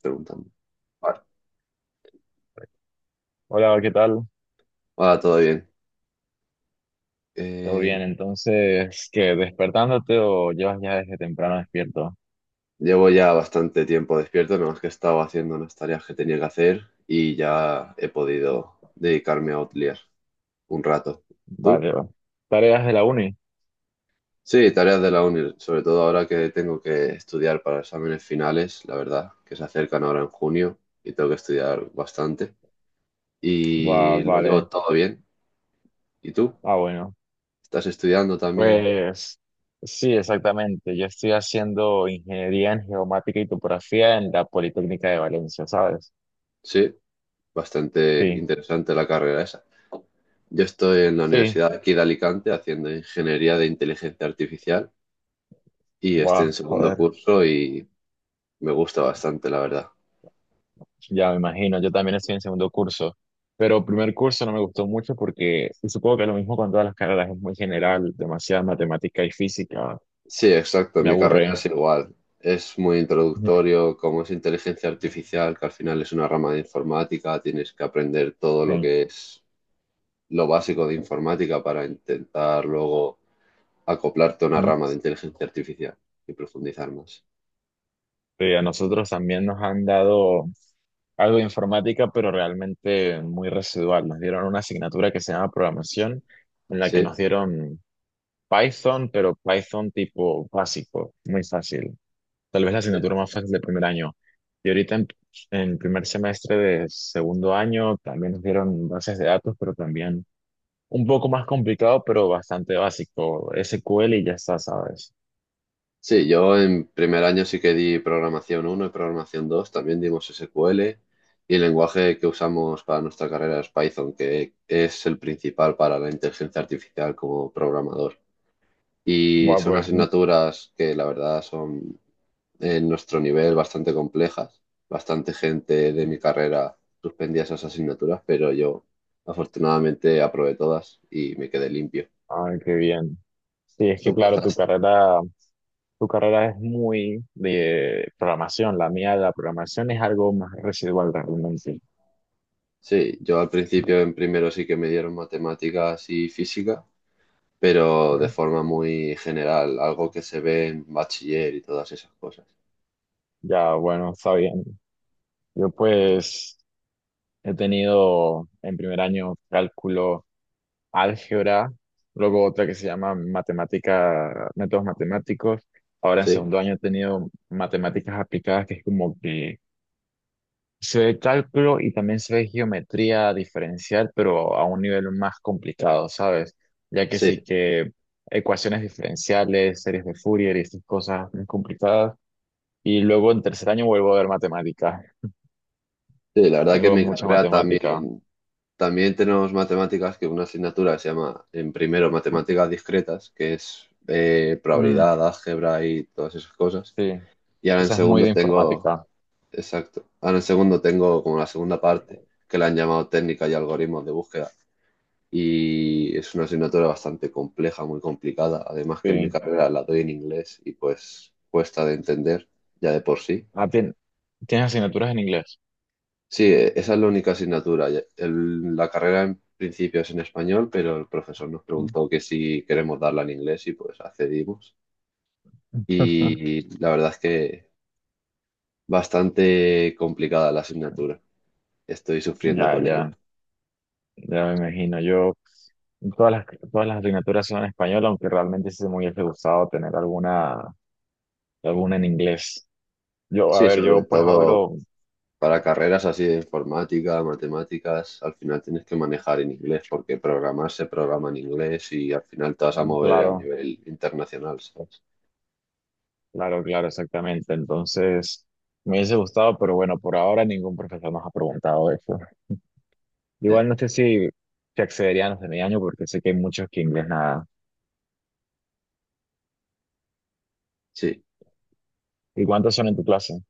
Preguntando. Vale. Hola, ¿qué tal? Ahora todo bien. ¿Todo Eh, bien? Entonces, ¿qué? ¿Despertándote o llevas ya desde temprano despierto? Llevo ya bastante tiempo despierto, nada más que he estado haciendo unas tareas que tenía que hacer y ya he podido dedicarme a Outlier un rato. ¿Tú? Vale. Va. ¿Tareas de la uni? Sí, tareas de la uni, sobre todo ahora que tengo que estudiar para exámenes finales, la verdad, que se acercan ahora en junio y tengo que estudiar bastante. Va, Y lo vale. llevo todo bien. ¿Y tú? Ah, bueno. ¿Estás estudiando también? Pues sí, exactamente. Yo estoy haciendo ingeniería en geomática y topografía en la Politécnica de Valencia, ¿sabes? Sí, bastante Sí. interesante la carrera esa. Yo estoy en la Sí. Universidad aquí de Alicante haciendo Ingeniería de Inteligencia Artificial y estoy Va, en segundo joder. curso y me gusta bastante, la verdad. Ya me imagino. Yo también estoy en segundo curso. Pero primer curso no me gustó mucho porque, y supongo que lo mismo con todas las carreras, es muy general, demasiada matemática y física. Sí, exacto, Me mi carrera aburre. es igual. Es muy Ujú. introductorio, como es inteligencia artificial, que al final es una rama de informática, tienes que aprender todo lo Sí. que es lo básico de informática para intentar luego acoplarte a una rama de Ujú. inteligencia artificial y profundizar más. Sí, a nosotros también nos han dado algo de informática, pero realmente muy residual. Nos dieron una asignatura que se llama programación, en la que ¿Sí? nos dieron Python, pero Python tipo básico, muy fácil. Tal vez la asignatura más fácil del primer año. Y ahorita en primer semestre de segundo año también nos dieron bases de datos, pero también un poco más complicado, pero bastante básico. SQL y ya está, ¿sabes? Sí, yo en primer año sí que di programación uno y programación 2. También dimos SQL y el lenguaje que usamos para nuestra carrera es Python, que es el principal para la inteligencia artificial como programador. Y Bueno, son pues asignaturas que la verdad son en nuestro nivel bastante complejas. Bastante gente de mi carrera suspendía esas asignaturas, pero yo afortunadamente aprobé todas y me quedé limpio. ay, qué bien. Sí, es que ¿Tú claro, tu pasaste? carrera, tu carrera es muy de programación. La mía, la programación es algo más residual realmente. ¿Sí? Sí, yo al principio en primero sí que me dieron matemáticas y física, pero de forma muy general, algo que se ve en bachiller y todas esas cosas. Ya, bueno, está bien. Yo pues he tenido en primer año cálculo, álgebra, luego otra que se llama matemática, métodos matemáticos. Ahora en Sí, segundo año he tenido matemáticas aplicadas, que es como que se ve cálculo y también se ve geometría diferencial, pero a un nivel más complicado, ¿sabes? Ya que sí sí, que ecuaciones diferenciales, series de Fourier y estas cosas muy complicadas. Y luego en tercer año vuelvo a ver matemática. sí, la verdad que en Tengo mi mucha carrera matemática. también, también tenemos matemáticas, que una asignatura que se llama en primero matemáticas discretas, que es Mm, probabilidad, álgebra y todas esas cosas. sí, Y ahora en esa es muy segundo de tengo, informática. exacto, ahora en segundo tengo como la segunda parte, que la han llamado técnica y algoritmos de búsqueda y es una asignatura bastante compleja, muy complicada. Además que en mi Sí. carrera la doy en inglés y pues cuesta de entender ya de por sí. Ah, ¿tienes asignaturas en inglés? Sí, esa es la única asignatura. La carrera en principio es en español, pero el profesor nos Mm. preguntó que si queremos darla en inglés y pues accedimos. Y la verdad es que bastante complicada la asignatura. Estoy sufriendo Ya, con ya. ella. Ya me imagino, yo todas las, todas las asignaturas son en español, aunque realmente sí me hubiese gustado tener alguna en inglés. Yo, a Sí, ver, sobre yo pues todo hablo, para carreras así de informática, matemáticas, al final tienes que manejar en inglés porque programar se programa en inglés y al final te vas a mover a claro, nivel internacional, ¿sabes? claro, claro, exactamente. Entonces, me hubiese gustado, pero bueno, por ahora ningún profesor nos ha preguntado eso. Ya, Igual no sé si accederían los de mi año, porque sé que hay muchos que inglés nada. sí, ¿Y cuántos son en tu clase?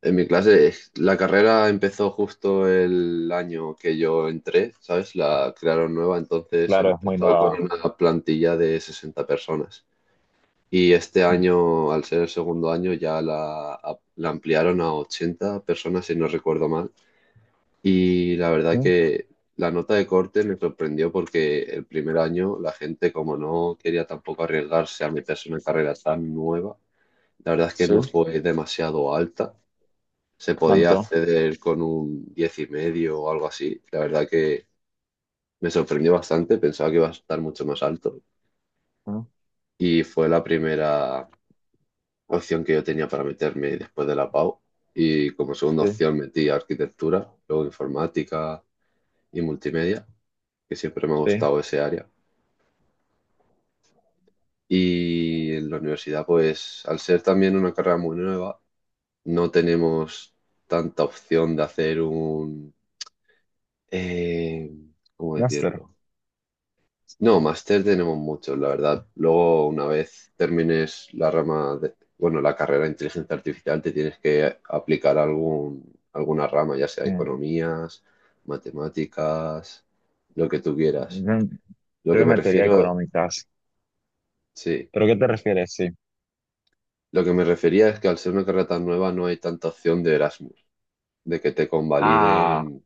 en mi clase es- la carrera empezó justo el año que yo entré, ¿sabes? La crearon nueva, entonces Claro, es muy empezó con nueva. una plantilla de 60 personas. Y este Mm, año, al ser el segundo año, ya la ampliaron a 80 personas, si no recuerdo mal. Y la verdad mm, que la nota de corte me sorprendió porque el primer año la gente, como no quería tampoco arriesgarse a meterse en una carrera tan nueva, la verdad es que no sí, fue demasiado alta. Se podía tanto. acceder con un 10,5 o algo así. La verdad que me sorprendió bastante, pensaba que iba a estar mucho más alto. Mm, Y fue la primera opción que yo tenía para meterme después de la PAU. Y como segunda sí, opción metí arquitectura, luego informática y multimedia, que siempre me ha sí. gustado ese área. Y en la universidad, pues al ser también una carrera muy nueva, no tenemos tanta opción de hacer un... eh, ¿cómo Master. decirlo? No, máster tenemos muchos, la verdad. Luego, una vez termines la rama de, bueno, la carrera de inteligencia artificial, te tienes que aplicar algún, alguna rama, ya sea economías, matemáticas, lo que tú quieras. Mm. Lo Yo que me me metería refiero, económicas. sí, ¿Pero qué te refieres? Sí. lo que me refería es que al ser una carrera tan nueva no hay tanta opción de Erasmus, de que te Ah, convaliden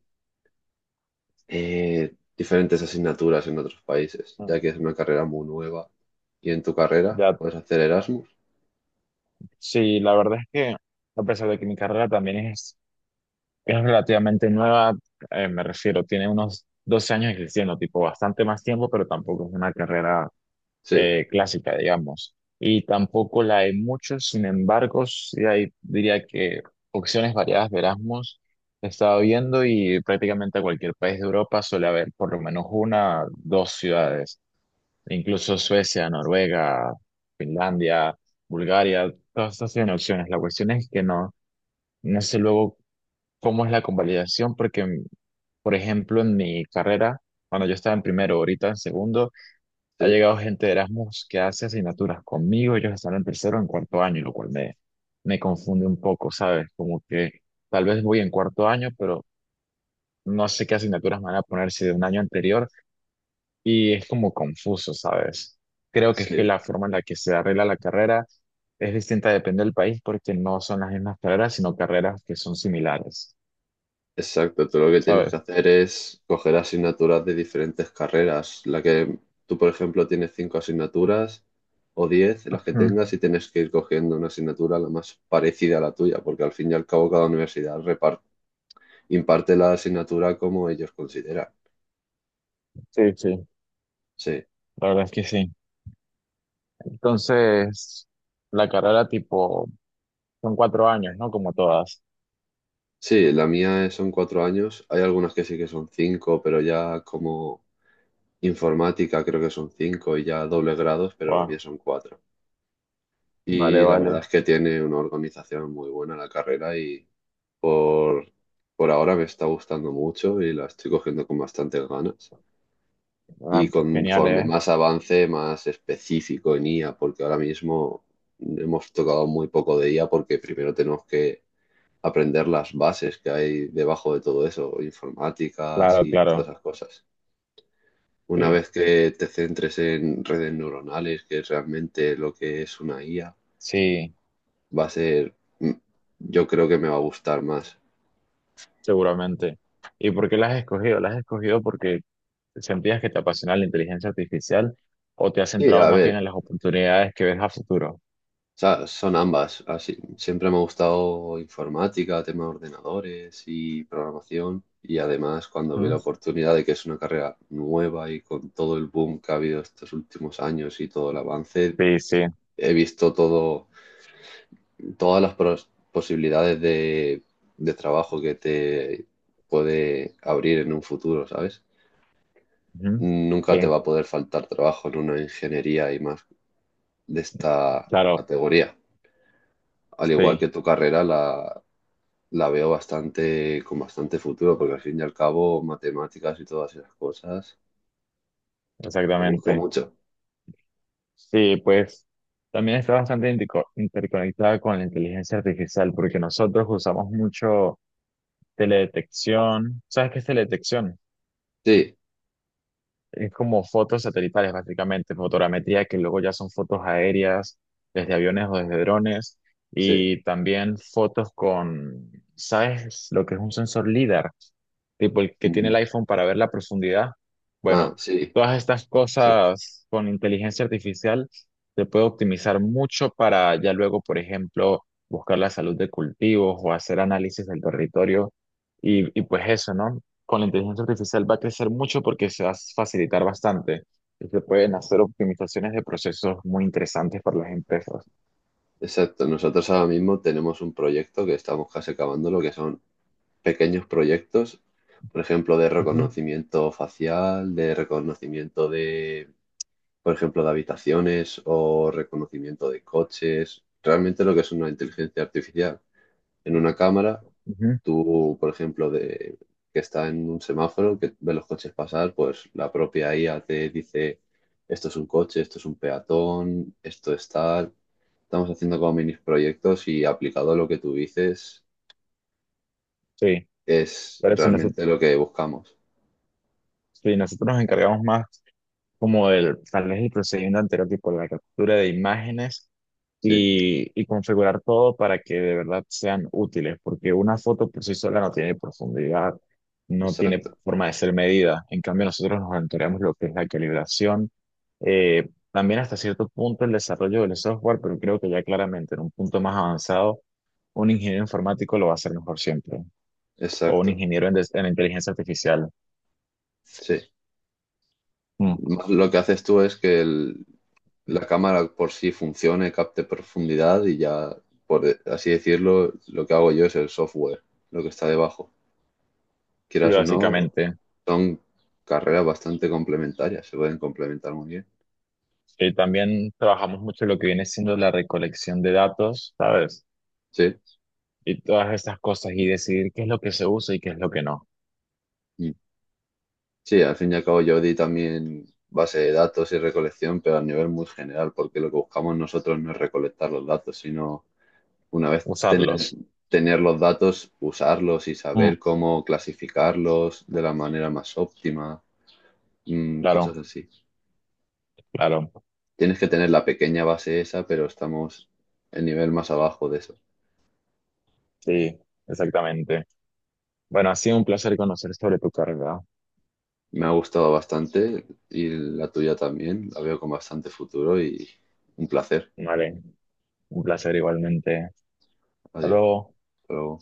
diferentes asignaturas en otros países, mm, ya que es una carrera muy nueva. ¿Y en tu carrera ya. puedes hacer Erasmus? Sí, la verdad es que a pesar de que mi carrera es relativamente nueva, me refiero, tiene unos 12 años existiendo, tipo bastante más tiempo, pero tampoco es una carrera Sí, clásica, digamos. Y tampoco la hay mucho, sin embargo, sí hay, diría que opciones variadas de Erasmus. He estado viendo y prácticamente a cualquier país de Europa suele haber por lo menos una, dos ciudades. Incluso Suecia, Noruega, Finlandia, Bulgaria, todas estas tienen opciones. La cuestión es que no sé luego cómo es la convalidación, porque, por ejemplo, en mi carrera, cuando yo estaba en primero, ahorita en segundo, ha sí, llegado gente de Erasmus que hace asignaturas conmigo, ellos están en tercero o en cuarto año, me confunde un poco, ¿sabes? Como que tal vez voy en cuarto año, pero no sé qué asignaturas me van a poner si de un año anterior, y es como confuso, ¿sabes? Creo que es que sí. la forma en la que se arregla la carrera es distinta, depende del país, porque no son las mismas carreras, sino carreras que son similares, Exacto, tú lo que tienes que ¿sabes? hacer es coger asignaturas de diferentes carreras. La que tú, por ejemplo, tienes cinco asignaturas o 10, las que Ujú. tengas, y tienes que ir cogiendo una asignatura la más parecida a la tuya, porque al fin y al cabo cada universidad reparte imparte la asignatura como ellos consideran. Sí, sí, Sí, la verdad es que sí. Entonces, la carrera tipo, son cuatro años, ¿no? Como todas. sí, la mía es- son 4 años. Hay algunas que sí que son cinco, pero ya como informática creo que son cinco y ya doble grados, pero la Buah, mía son cuatro. vale, Y la vale. verdad es que tiene una organización muy buena la carrera y por, por ahora me está gustando mucho y la estoy cogiendo con bastantes ganas. Ah, Y pues genial, conforme ¿eh? más avance, más específico en IA, porque ahora mismo hemos tocado muy poco de IA porque primero tenemos que aprender las bases que hay debajo de todo eso, informáticas Claro, y todas claro, esas cosas. Una sí. vez que te centres en redes neuronales, que es realmente lo que es una IA, Sí, va a ser, mm, yo creo que me va a gustar más. seguramente. ¿Y por qué las has escogido? ¿Las has escogido porque sentías que te apasiona la inteligencia artificial o te has Sí, centrado a más bien ver, en las oportunidades que ves a futuro? o sea, son ambas. Así, siempre me ha gustado informática, tema de ordenadores y programación. Y además, cuando vi la ¿Mm? oportunidad de que es una carrera nueva y con todo el boom que ha habido estos últimos años y todo el avance, Sí, sí. he visto todo, todas las posibilidades de trabajo que te puede abrir en un futuro, ¿sabes? Ujú. Nunca te Sí, va a poder faltar trabajo en una ingeniería y más de esta claro, categoría. Al igual que sí, tu carrera, la veo bastante, con bastante futuro, porque al fin y al cabo, matemáticas y todas esas cosas, se busca exactamente. mucho. Sí, pues también está bastante interconectada con la inteligencia artificial porque nosotros usamos mucho teledetección. ¿Sabes qué es teledetección? Sí, Es como fotos satelitales, básicamente, fotogrametría, que luego ya son fotos aéreas, desde aviones o desde drones, sí. y también fotos con, ¿sabes lo que es un sensor LIDAR? Tipo el que tiene Mm. el iPhone para ver la profundidad. Ah, Bueno, sí, todas estas exacto. cosas con inteligencia artificial se puede optimizar mucho para ya luego, por ejemplo, buscar la salud de cultivos o hacer análisis del territorio y pues eso, ¿no? Con la inteligencia artificial va a crecer mucho porque se va a facilitar bastante y se pueden hacer optimizaciones de procesos muy interesantes para las empresas. Exacto. Nosotros ahora mismo tenemos un proyecto que estamos casi acabando, lo que son pequeños proyectos, por ejemplo, de Ujú, reconocimiento facial, de reconocimiento de, por ejemplo, de habitaciones o reconocimiento de coches. Realmente lo que es una inteligencia artificial. En una cámara, ujú. tú, por ejemplo, de, que está en un semáforo, que ve los coches pasar, pues la propia IA te dice, esto es un coche, esto es un peatón, esto es tal. Estamos haciendo como mini proyectos y aplicado a lo que tú dices Sí, es pero realmente lo que buscamos. si nosotros nos encargamos más como del tal vez el procedimiento anterior, tipo la captura de imágenes Sí, y configurar todo para que de verdad sean útiles, porque una foto por sí sola no tiene profundidad, no tiene exacto, forma de ser medida. En cambio, nosotros nos monitoreamos lo que es la calibración, también hasta cierto punto el desarrollo del software, pero creo que ya claramente en un punto más avanzado, un ingeniero informático lo va a hacer mejor siempre, o un exacto. ingeniero en inteligencia artificial. Sí. Mm. Más. Lo que haces tú es que la cámara por sí funcione, capte profundidad y ya, por así decirlo, lo que hago yo es el software, lo que está debajo. Y Quieras o no, básicamente, son carreras bastante complementarias, se pueden complementar muy bien. También trabajamos mucho lo que viene siendo la recolección de datos, ¿sabes? Sí. Y todas estas cosas y decidir qué es lo que se usa y qué es lo que no. Mm. Sí, al fin y al cabo yo di también base de datos y recolección, pero a nivel muy general, porque lo que buscamos nosotros no es recolectar los datos, sino Una vez tener, Usarlos. tener los datos, usarlos y Mm, saber cómo clasificarlos de la manera más óptima, mm, claro, cosas así. claro. Tienes que tener la pequeña base esa, pero estamos el nivel más abajo de eso. Sí, exactamente. Bueno, ha sido un placer conocer sobre tu carrera. Me ha gustado bastante y la tuya también. La veo con bastante futuro y un placer. Vale, un placer igualmente. Hasta Adiós. luego. Hasta luego.